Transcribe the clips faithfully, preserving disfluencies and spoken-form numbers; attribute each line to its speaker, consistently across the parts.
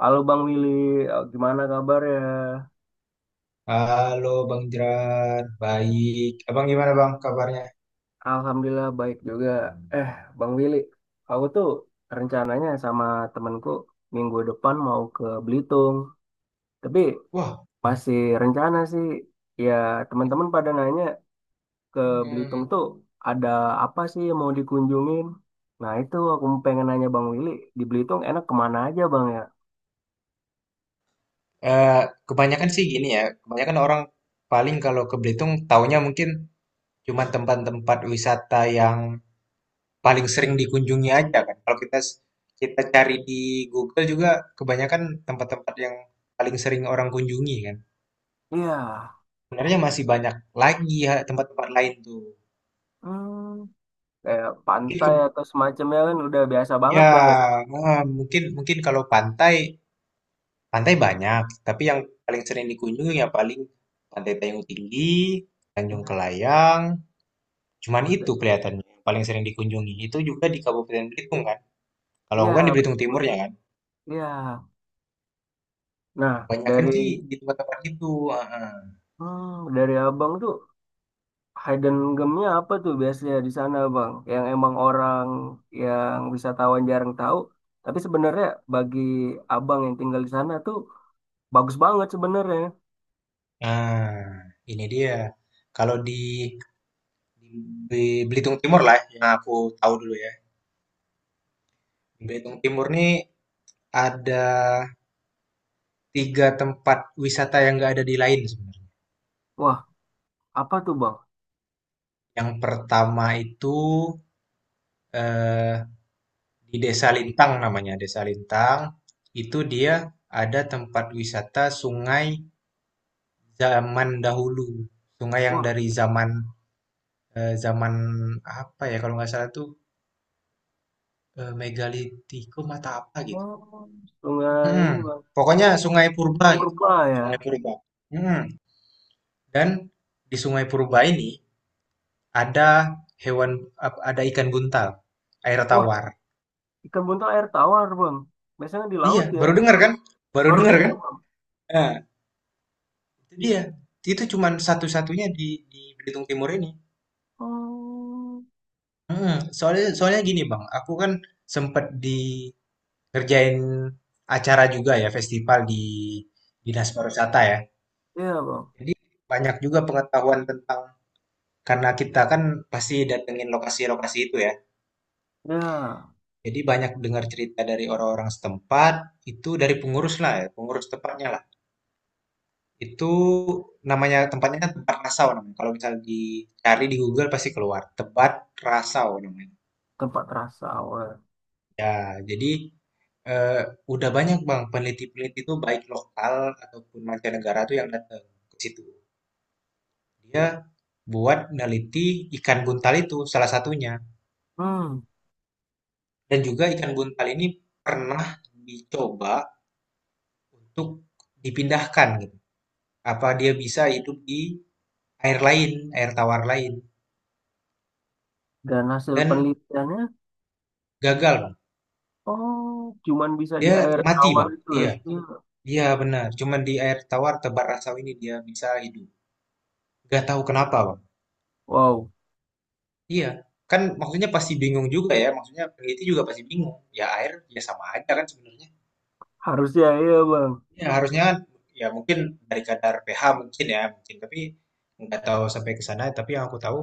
Speaker 1: Halo Bang Willy, Eh, gimana kabarnya?
Speaker 2: Halo Bang Jeran, baik. Abang gimana Bang kabarnya?
Speaker 1: Alhamdulillah baik juga. Eh, Bang Willy, aku tuh rencananya sama temenku minggu depan mau ke Belitung. Tapi
Speaker 2: Wah.
Speaker 1: masih rencana sih. Ya, teman-teman pada nanya ke Belitung
Speaker 2: hmm,
Speaker 1: tuh ada apa sih yang mau dikunjungin? Nah, itu aku pengen nanya Bang Willy, di Belitung enak kemana aja Bang ya?
Speaker 2: eh, Kebanyakan sih gini ya. Kebanyakan orang paling kalau ke Belitung taunya mungkin cuma tempat-tempat wisata yang paling sering dikunjungi aja kan. Kalau kita kita cari di Google juga kebanyakan tempat-tempat yang paling sering orang kunjungi kan.
Speaker 1: Iya,
Speaker 2: Sebenarnya masih banyak lagi ya tempat-tempat lain tuh.
Speaker 1: hmm, kayak
Speaker 2: Mungkin
Speaker 1: pantai
Speaker 2: ke-
Speaker 1: atau semacamnya kan udah biasa
Speaker 2: ya,
Speaker 1: banget Bang ya.
Speaker 2: ah, mungkin mungkin kalau pantai. Pantai banyak, tapi yang paling sering dikunjungi ya paling Pantai Payung Tinggi, Tanjung
Speaker 1: Iya.
Speaker 2: Kelayang, cuman
Speaker 1: Oh, t-
Speaker 2: itu kelihatannya yang paling sering dikunjungi. Itu juga di Kabupaten Belitung kan. Kalau aku kan di
Speaker 1: Iya,
Speaker 2: Belitung Timur ya kan.
Speaker 1: iya. Nah,
Speaker 2: Kebanyakan sih
Speaker 1: dari
Speaker 2: di tempat-tempat itu. ah, ah.
Speaker 1: hmm, dari abang tuh hidden gemnya apa tuh biasanya di sana, bang? Yang emang orang yang wisatawan jarang tahu, tapi sebenarnya bagi abang yang tinggal di sana tuh bagus banget sebenarnya.
Speaker 2: Nah, ini dia. Kalau di, di Belitung Timur lah yang aku tahu dulu ya. Di Belitung Timur nih ada tiga tempat wisata yang nggak ada di lain sebenarnya.
Speaker 1: Wah, apa tuh, bang?
Speaker 2: Yang pertama itu eh, di Desa Lintang namanya, Desa Lintang, itu dia ada tempat wisata sungai zaman dahulu. Sungai yang
Speaker 1: Wah,
Speaker 2: dari zaman eh, zaman apa ya kalau nggak salah tuh eh, megalitikum atau apa gitu.
Speaker 1: oh, sungai
Speaker 2: Hmm,
Speaker 1: ini, bang,
Speaker 2: Pokoknya sungai purba gitu,
Speaker 1: purba ya.
Speaker 2: sungai purba. Hmm, Dan di sungai purba ini ada hewan ap- ada ikan buntal, air
Speaker 1: Wah,
Speaker 2: tawar.
Speaker 1: ikan buntal air tawar, bang. Biasanya di
Speaker 2: Iya,
Speaker 1: laut ya.
Speaker 2: baru dengar kan? Baru
Speaker 1: Baru
Speaker 2: dengar
Speaker 1: dengar,
Speaker 2: kan?
Speaker 1: bang.
Speaker 2: Nah, iya, itu cuman satu-satunya di di Belitung Timur ini.
Speaker 1: Oh,
Speaker 2: Mm, soalnya soalnya gini Bang, aku kan sempet di ngerjain acara juga ya, festival di Dinas Pariwisata ya.
Speaker 1: iya, bang.
Speaker 2: Jadi banyak juga pengetahuan tentang karena kita kan pasti datengin lokasi-lokasi itu ya.
Speaker 1: Ya,
Speaker 2: Jadi banyak dengar cerita dari orang-orang setempat, itu dari pengurus lah ya, pengurus tempatnya lah. Itu namanya tempatnya kan Tempat Rasau namanya. Kalau misalnya dicari di Google pasti keluar, Tebat Rasau namanya.
Speaker 1: tempat rasa awal.
Speaker 2: Ya, jadi eh, udah banyak Bang peneliti-peneliti itu baik lokal ataupun mancanegara tuh yang datang ke situ. Dia buat neliti ikan buntal itu salah satunya.
Speaker 1: Hmm.
Speaker 2: Dan juga ikan buntal ini pernah dicoba untuk dipindahkan gitu. Apa dia bisa hidup di air lain, air tawar lain
Speaker 1: Dan hasil
Speaker 2: dan
Speaker 1: penelitiannya,
Speaker 2: gagal Bang.
Speaker 1: oh, cuman bisa di
Speaker 2: Dia
Speaker 1: air
Speaker 2: mati
Speaker 1: tawar
Speaker 2: Bang.
Speaker 1: itu ya?
Speaker 2: Iya,
Speaker 1: Iya.
Speaker 2: iya benar. Cuman di air tawar tebar rasau ini dia bisa hidup. Gak tahu kenapa Bang.
Speaker 1: Wow,
Speaker 2: Iya, kan maksudnya pasti bingung juga ya, maksudnya peneliti juga pasti bingung. Ya air ya sama aja kan sebenarnya.
Speaker 1: harusnya iya bang.
Speaker 2: Ya harusnya kan ya mungkin dari kadar pH mungkin ya, mungkin tapi nggak tahu sampai ke sana. Tapi yang aku tahu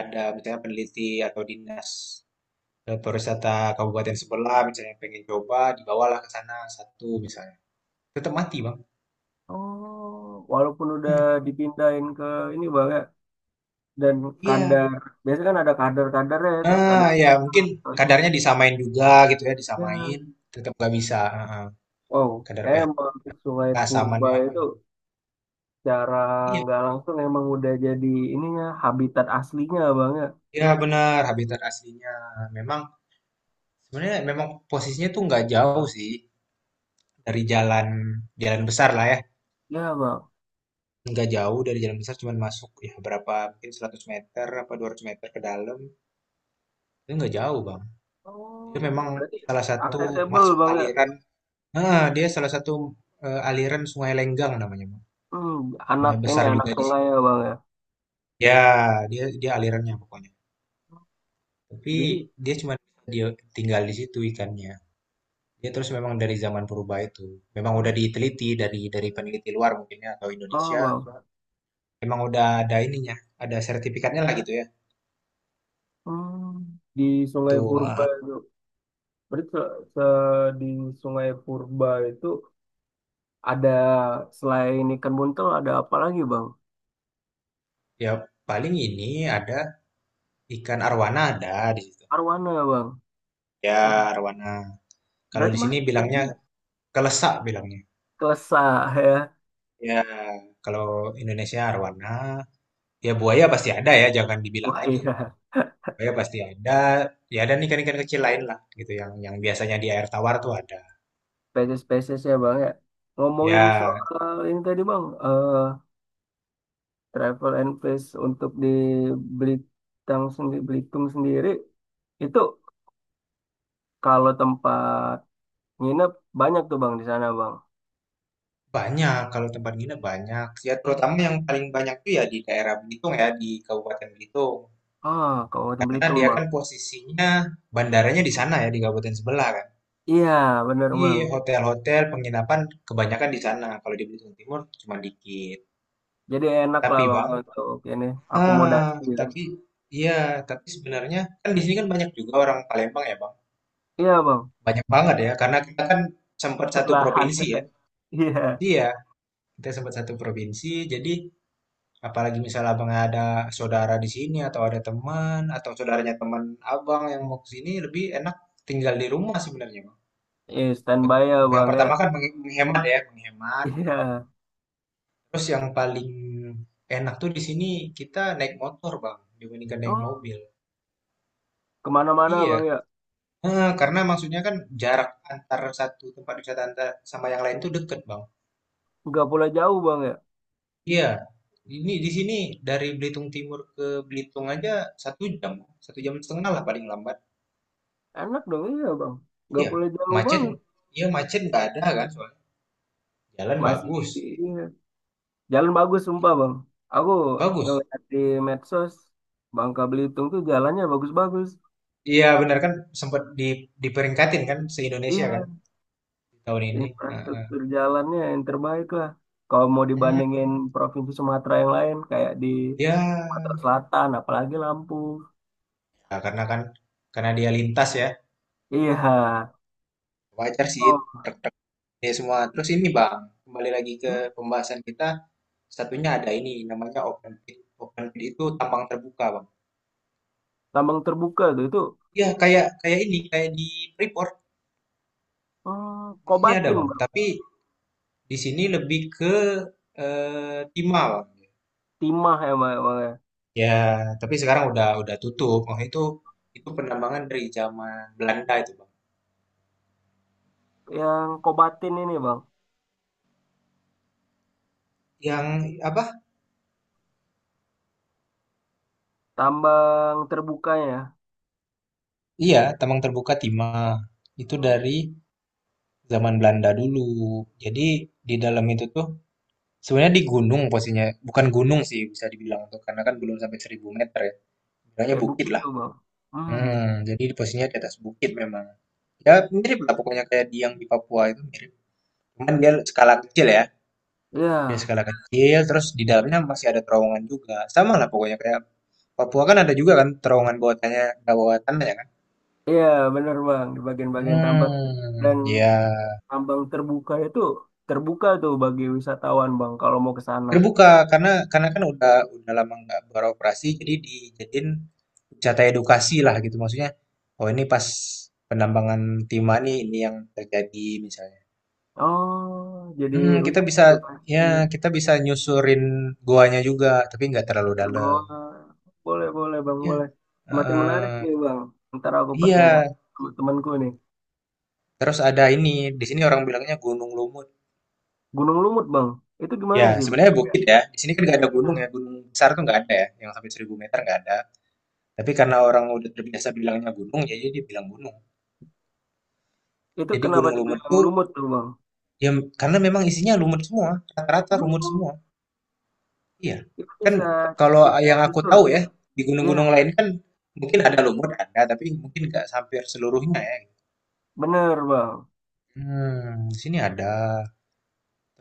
Speaker 2: ada misalnya peneliti atau dinas eh, pariwisata kabupaten sebelah misalnya pengen coba dibawalah ke sana satu misalnya. Tetap mati, Bang.
Speaker 1: Oh, walaupun udah
Speaker 2: Hmm.
Speaker 1: dipindahin ke ini bang ya, dan
Speaker 2: Iya.
Speaker 1: kadar, biasanya kan ada kadar-kadarnya ya, kayak
Speaker 2: Ah,
Speaker 1: kadar
Speaker 2: ya mungkin
Speaker 1: atau
Speaker 2: kadarnya
Speaker 1: semacam.
Speaker 2: disamain juga gitu ya,
Speaker 1: Ya,
Speaker 2: disamain tetap nggak bisa. ah, ah.
Speaker 1: wow,
Speaker 2: Kadar
Speaker 1: kayak
Speaker 2: pH
Speaker 1: emang Sungai Purba
Speaker 2: keasamannya.
Speaker 1: itu cara
Speaker 2: Iya.
Speaker 1: nggak langsung emang udah jadi ininya habitat aslinya bang ya.
Speaker 2: Iya benar, habitat aslinya. Memang sebenarnya memang posisinya tuh nggak jauh sih dari jalan jalan besar lah ya.
Speaker 1: Ya bang.
Speaker 2: Nggak jauh dari jalan besar, cuman masuk ya berapa mungkin 100 meter apa 200 meter ke dalam. Itu nggak jauh, Bang. Dia
Speaker 1: Oh,
Speaker 2: memang
Speaker 1: berarti
Speaker 2: salah satu
Speaker 1: accessible
Speaker 2: masuk
Speaker 1: bang ya.
Speaker 2: aliran. Ah dia salah satu eh, aliran Sungai Lenggang namanya, Bang.
Speaker 1: Hmm, anak
Speaker 2: Sungai
Speaker 1: ini
Speaker 2: besar
Speaker 1: anak
Speaker 2: juga di
Speaker 1: sungai
Speaker 2: sini.
Speaker 1: ya bang ya.
Speaker 2: Ya, dia dia alirannya pokoknya. Tapi
Speaker 1: Jadi.
Speaker 2: dia cuma dia tinggal di situ ikannya. Ya, terus memang dari zaman purba itu, memang
Speaker 1: Hmm.
Speaker 2: udah diteliti dari dari peneliti luar mungkin ya, atau
Speaker 1: Oh,
Speaker 2: Indonesia,
Speaker 1: wow.
Speaker 2: memang udah ada ininya, ada sertifikatnya lah gitu ya.
Speaker 1: Hmm, di Sungai
Speaker 2: Tuh,
Speaker 1: Purba
Speaker 2: eh,
Speaker 1: itu berarti se- se- di Sungai Purba itu ada selain ikan buntel ada apa lagi bang?
Speaker 2: ya paling ini ada ikan arwana ada di situ.
Speaker 1: Arwana bang.
Speaker 2: Ya
Speaker 1: Oh,
Speaker 2: arwana. Kalau
Speaker 1: berarti
Speaker 2: di sini
Speaker 1: masih ini
Speaker 2: bilangnya
Speaker 1: ya,
Speaker 2: kelesak bilangnya.
Speaker 1: kelesa ya.
Speaker 2: Ya kalau Indonesia arwana, ya buaya pasti ada ya, jangan dibilang
Speaker 1: Wah
Speaker 2: lagi.
Speaker 1: iya,
Speaker 2: Buaya pasti ada, ya ada ikan-ikan kecil lain lah gitu yang yang biasanya di air tawar tuh ada.
Speaker 1: spesies-spesies ya bang ya. Ngomongin
Speaker 2: Ya
Speaker 1: soal ini tadi bang, eh, travel and place untuk di Belitung sendiri, Belitung sendiri itu kalau tempat Nginep banyak tuh bang di sana bang.
Speaker 2: banyak, kalau tempat nginep banyak. Ya, terutama yang paling banyak tuh ya di daerah Belitung ya, di Kabupaten Belitung.
Speaker 1: Ah, Kabupaten
Speaker 2: Karena
Speaker 1: Belitung
Speaker 2: dia
Speaker 1: bang.
Speaker 2: kan posisinya bandaranya di sana ya, di kabupaten sebelah kan.
Speaker 1: Iya bener
Speaker 2: Jadi
Speaker 1: bang.
Speaker 2: hotel-hotel penginapan kebanyakan di sana. Kalau di Belitung Timur cuma dikit.
Speaker 1: Jadi enak lah
Speaker 2: Tapi
Speaker 1: bang
Speaker 2: Bang,
Speaker 1: untuk ini
Speaker 2: ah,
Speaker 1: akomodasi ya.
Speaker 2: tapi iya, tapi sebenarnya kan di sini kan banyak juga orang Palembang ya, Bang.
Speaker 1: Iya bang.
Speaker 2: Banyak banget ya, karena kita kan sempat satu
Speaker 1: Sebelahan.
Speaker 2: provinsi ya.
Speaker 1: Iya.
Speaker 2: Iya, kita sempat satu provinsi. Jadi apalagi misalnya abang ada saudara di sini atau ada teman atau saudaranya teman abang yang mau ke sini lebih enak tinggal di rumah sebenarnya, Bang.
Speaker 1: Iya standby ya
Speaker 2: Yang
Speaker 1: bang ya.
Speaker 2: pertama kan meng- menghemat ya, menghemat.
Speaker 1: Iya.
Speaker 2: Terus yang paling enak tuh di sini kita naik motor, Bang, dibandingkan naik
Speaker 1: Oh,
Speaker 2: mobil.
Speaker 1: kemana-mana
Speaker 2: Iya.
Speaker 1: bang ya.
Speaker 2: Eh, karena maksudnya kan jarak antar satu tempat wisata antar sama yang lain tuh deket, Bang.
Speaker 1: Nggak boleh jauh bang ya.
Speaker 2: Iya. Ini di sini dari Belitung Timur ke Belitung aja satu jam, satu jam setengah lah paling lambat.
Speaker 1: Enak dong iya bang. Nggak
Speaker 2: Iya,
Speaker 1: boleh jauh
Speaker 2: macet
Speaker 1: bang.
Speaker 2: iya macet nggak ada kan soalnya. Jalan
Speaker 1: Masih
Speaker 2: bagus.
Speaker 1: iya. Jalan bagus sumpah bang. Aku
Speaker 2: Bagus.
Speaker 1: ngeliat di medsos Bangka Belitung tuh jalannya bagus-bagus.
Speaker 2: Iya benar kan sempat di diperingkatin kan se-Indonesia kan
Speaker 1: Iya,
Speaker 2: di tahun ini. Heeh.
Speaker 1: infrastruktur jalannya yang terbaik lah. Kalau mau dibandingin provinsi Sumatera yang lain, kayak di Sumatera
Speaker 2: Ya,
Speaker 1: Selatan, apalagi Lampung.
Speaker 2: ya, karena kan karena dia lintas ya.
Speaker 1: Iya.
Speaker 2: Wajar sih
Speaker 1: Oh,
Speaker 2: truk-truk ini semua. Terus ini Bang, kembali lagi ke
Speaker 1: ya.
Speaker 2: pembahasan kita. Satunya ada ini namanya open pit. Open pit itu tambang terbuka, Bang.
Speaker 1: Tambang terbuka tuh itu
Speaker 2: Ya, kayak kayak ini, kayak di Freeport.
Speaker 1: hmm,
Speaker 2: Di sini ada,
Speaker 1: Kobatin,
Speaker 2: Bang.
Speaker 1: Bang.
Speaker 2: Tapi di sini lebih ke eh, timah, Bang.
Speaker 1: Timah emang, emang ya.
Speaker 2: Ya, tapi sekarang udah udah tutup. Oh, itu itu penambangan dari zaman Belanda itu, Bang.
Speaker 1: Yang Kobatin ini, Bang.
Speaker 2: Yang apa?
Speaker 1: Tambang terbukanya.
Speaker 2: Iya, tambang terbuka timah. Itu
Speaker 1: Oh.
Speaker 2: dari zaman Belanda dulu. Jadi di dalam itu tuh sebenarnya di gunung posisinya. Bukan gunung sih bisa dibilang tuh karena kan belum sampai seribu meter ya. Bilangnya
Speaker 1: Ya
Speaker 2: bukit
Speaker 1: bukit
Speaker 2: lah.
Speaker 1: tuh, Bang. Hmm.
Speaker 2: Hmm, jadi di posisinya di atas bukit memang. Ya mirip lah pokoknya kayak di yang di Papua itu mirip. Cuman dia skala kecil ya. Ya
Speaker 1: Iya.
Speaker 2: skala kecil, terus di dalamnya masih ada terowongan juga. Sama lah pokoknya kayak Papua kan ada juga kan terowongan bawah tanah, nggak bawah tanah ya kan?
Speaker 1: Iya, bener, Bang. Di bagian-bagian tambang.
Speaker 2: Hmm,
Speaker 1: Dan
Speaker 2: ya
Speaker 1: tambang terbuka itu terbuka tuh bagi wisatawan, Bang, kalau mau ke sana.
Speaker 2: terbuka karena karena kan udah udah lama nggak beroperasi, jadi dijadiin wisata edukasi lah gitu maksudnya. Oh ini pas penambangan timah nih ini yang terjadi misalnya.
Speaker 1: Oh, jadi
Speaker 2: Hmm, kita
Speaker 1: wisata
Speaker 2: bisa
Speaker 1: edukasi,
Speaker 2: ya kita bisa nyusurin goanya juga, tapi nggak terlalu
Speaker 1: pergol.
Speaker 2: dalam.
Speaker 1: Boleh, boleh, Bang,
Speaker 2: Ya,
Speaker 1: boleh. Makin menarik
Speaker 2: eh,
Speaker 1: nih, Bang. Ntar aku
Speaker 2: iya.
Speaker 1: presentasi sama temanku nih.
Speaker 2: Terus ada ini, di sini orang bilangnya Gunung Lumut.
Speaker 1: Gunung Lumut, Bang. Itu
Speaker 2: Ya,
Speaker 1: gimana sih, Bang?
Speaker 2: sebenarnya
Speaker 1: Ya.
Speaker 2: bukit ya. Di sini kan nggak ada gunung
Speaker 1: Iya.
Speaker 2: ya. Gunung besar tuh nggak ada ya. Yang sampai seribu meter nggak ada. Tapi karena orang udah terbiasa bilangnya gunung, jadi dia bilang gunung.
Speaker 1: Itu
Speaker 2: Jadi
Speaker 1: kenapa
Speaker 2: Gunung Lumut
Speaker 1: dibilang
Speaker 2: tuh,
Speaker 1: lumut tuh, Bang?
Speaker 2: ya karena memang isinya lumut semua. Rata-rata lumut
Speaker 1: Oh,
Speaker 2: semua. Iya.
Speaker 1: itu
Speaker 2: Kan
Speaker 1: bisa
Speaker 2: kalau
Speaker 1: kita
Speaker 2: yang aku
Speaker 1: susur,
Speaker 2: tahu
Speaker 1: ya.
Speaker 2: ya, di
Speaker 1: Iya,
Speaker 2: gunung-gunung lain kan mungkin ada lumut, ada. Tapi mungkin nggak sampai seluruhnya ya.
Speaker 1: bener, Bang.
Speaker 2: Hmm, di sini ada.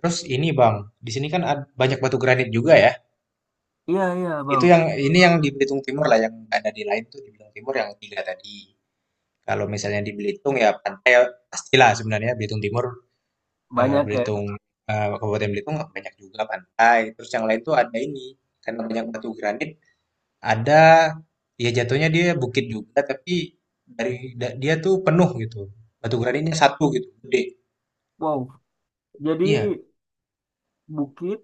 Speaker 2: Terus ini Bang, di sini kan ad- banyak batu granit juga ya.
Speaker 1: Iya, iya, Bang.
Speaker 2: Itu yang ini yang di Belitung Timur lah, yang ada di lain tuh di Belitung Timur yang tiga tadi. Kalau misalnya di Belitung ya pantai eh, pastilah sebenarnya Belitung Timur, eee,
Speaker 1: Banyak ya.
Speaker 2: Belitung, eee, Kabupaten Belitung banyak juga pantai. Terus yang lain tuh ada ini, karena banyak batu granit, ada ya jatuhnya dia bukit juga tapi dari da dia tuh penuh gitu, batu granitnya satu gitu, gede.
Speaker 1: Wow. Jadi,
Speaker 2: Iya,
Speaker 1: bukit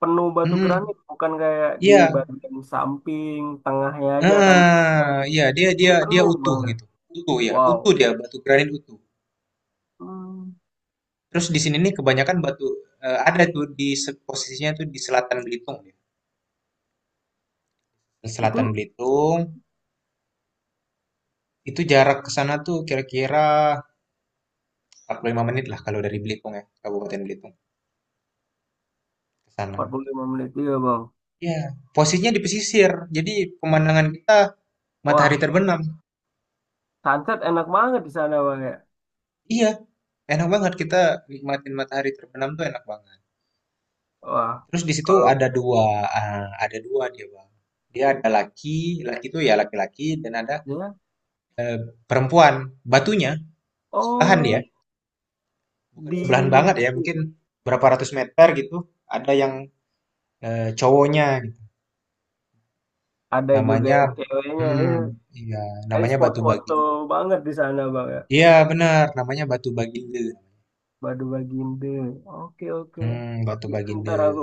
Speaker 1: penuh batu
Speaker 2: mhm,
Speaker 1: granit bukan kayak di
Speaker 2: iya,
Speaker 1: bagian samping tengahnya aja kan
Speaker 2: heeh, iya, dia
Speaker 1: ini
Speaker 2: dia dia
Speaker 1: penuh
Speaker 2: utuh
Speaker 1: banget.
Speaker 2: gitu, utuh ya,
Speaker 1: Wow.
Speaker 2: utuh dia, batu granit utuh.
Speaker 1: Hmm,
Speaker 2: Terus di sini nih kebanyakan batu eee, ada tuh di se posisinya tuh di selatan Belitung ya, di
Speaker 1: itu
Speaker 2: selatan Belitung, itu jarak ke sana tuh kira-kira empat puluh lima lah kalau dari Belitung ya, Kabupaten Belitung ke
Speaker 1: empat
Speaker 2: sana.
Speaker 1: puluh lima menit juga bang.
Speaker 2: Iya, posisinya di pesisir, jadi pemandangan kita matahari
Speaker 1: Wah,
Speaker 2: terbenam.
Speaker 1: sunset enak banget di sana bang ya.
Speaker 2: Iya, enak banget kita nikmatin matahari terbenam tuh enak banget.
Speaker 1: Wah,
Speaker 2: Terus di situ
Speaker 1: kalau
Speaker 2: ada dua eee, ada dua dia, Bang. Dia ada laki, laki itu ya laki-laki dan ada,
Speaker 1: ya,
Speaker 2: eee, perempuan. Batunya sebelahan dia.
Speaker 1: oh,
Speaker 2: Bukan sebelahan
Speaker 1: di,
Speaker 2: banget ya mungkin berapa ratus meter gitu ada yang eh, cowoknya gitu.
Speaker 1: ada juga
Speaker 2: Namanya,
Speaker 1: yang ceweknya
Speaker 2: hmm
Speaker 1: ya.
Speaker 2: iya,
Speaker 1: Jadi
Speaker 2: namanya
Speaker 1: spot
Speaker 2: Batu Bagi,
Speaker 1: foto banget di sana bang ya.
Speaker 2: iya benar namanya Batu Baginda.
Speaker 1: Badu bagian b. Oke, oke.
Speaker 2: hmm Batu
Speaker 1: Itu
Speaker 2: Baginda.
Speaker 1: Ntar aku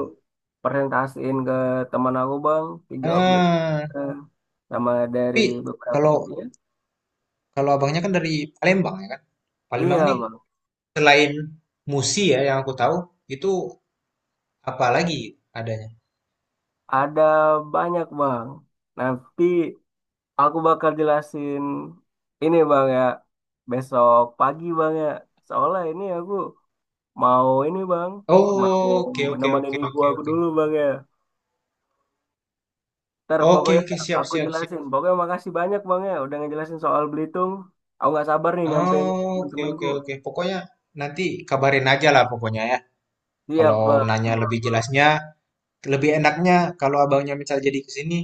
Speaker 1: presentasiin ke teman aku, Bang. Tiga objek.
Speaker 2: ah
Speaker 1: eh, Sama dari
Speaker 2: tapi
Speaker 1: beberapa
Speaker 2: kalau
Speaker 1: bentuknya.
Speaker 2: kalau abangnya kan dari Palembang ya kan. Palembang
Speaker 1: Iya,
Speaker 2: nih
Speaker 1: Bang.
Speaker 2: selain Musi ya yang aku tahu itu apa lagi adanya.
Speaker 1: Ada banyak, Bang. Nanti aku bakal jelasin ini, Bang, ya. Besok pagi, Bang, ya. Soalnya ini aku mau ini, Bang. Mau
Speaker 2: Oh, oke, oke,
Speaker 1: nemenin
Speaker 2: oke,
Speaker 1: ibu
Speaker 2: oke,
Speaker 1: aku
Speaker 2: oke,
Speaker 1: dulu, Bang, ya. Ntar
Speaker 2: oke,
Speaker 1: pokoknya
Speaker 2: oke, siap,
Speaker 1: aku
Speaker 2: siap, siap.
Speaker 1: jelasin. Pokoknya makasih banyak Bang ya udah ngejelasin soal Belitung. Aku nggak sabar nih nyampein ke
Speaker 2: Oh, oke,
Speaker 1: temen-temenku.
Speaker 2: oke, oke. Pokoknya nanti kabarin aja lah pokoknya ya.
Speaker 1: Siap
Speaker 2: Kalau
Speaker 1: Bang.
Speaker 2: nanya lebih jelasnya, lebih enaknya kalau abangnya misal jadi ke sini,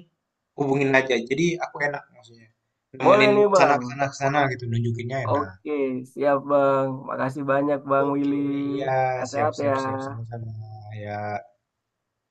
Speaker 2: hubungin aja. Jadi aku enak maksudnya.
Speaker 1: Boleh
Speaker 2: Nemenin
Speaker 1: nih
Speaker 2: sana
Speaker 1: Bang.
Speaker 2: ke sana ke sana gitu, nunjukinnya enak.
Speaker 1: Oke, siap Bang. Makasih banyak Bang
Speaker 2: Oke,
Speaker 1: Willy.
Speaker 2: iya, siap,
Speaker 1: Hati-hati
Speaker 2: siap,
Speaker 1: ya.
Speaker 2: siap, sama-sama ya.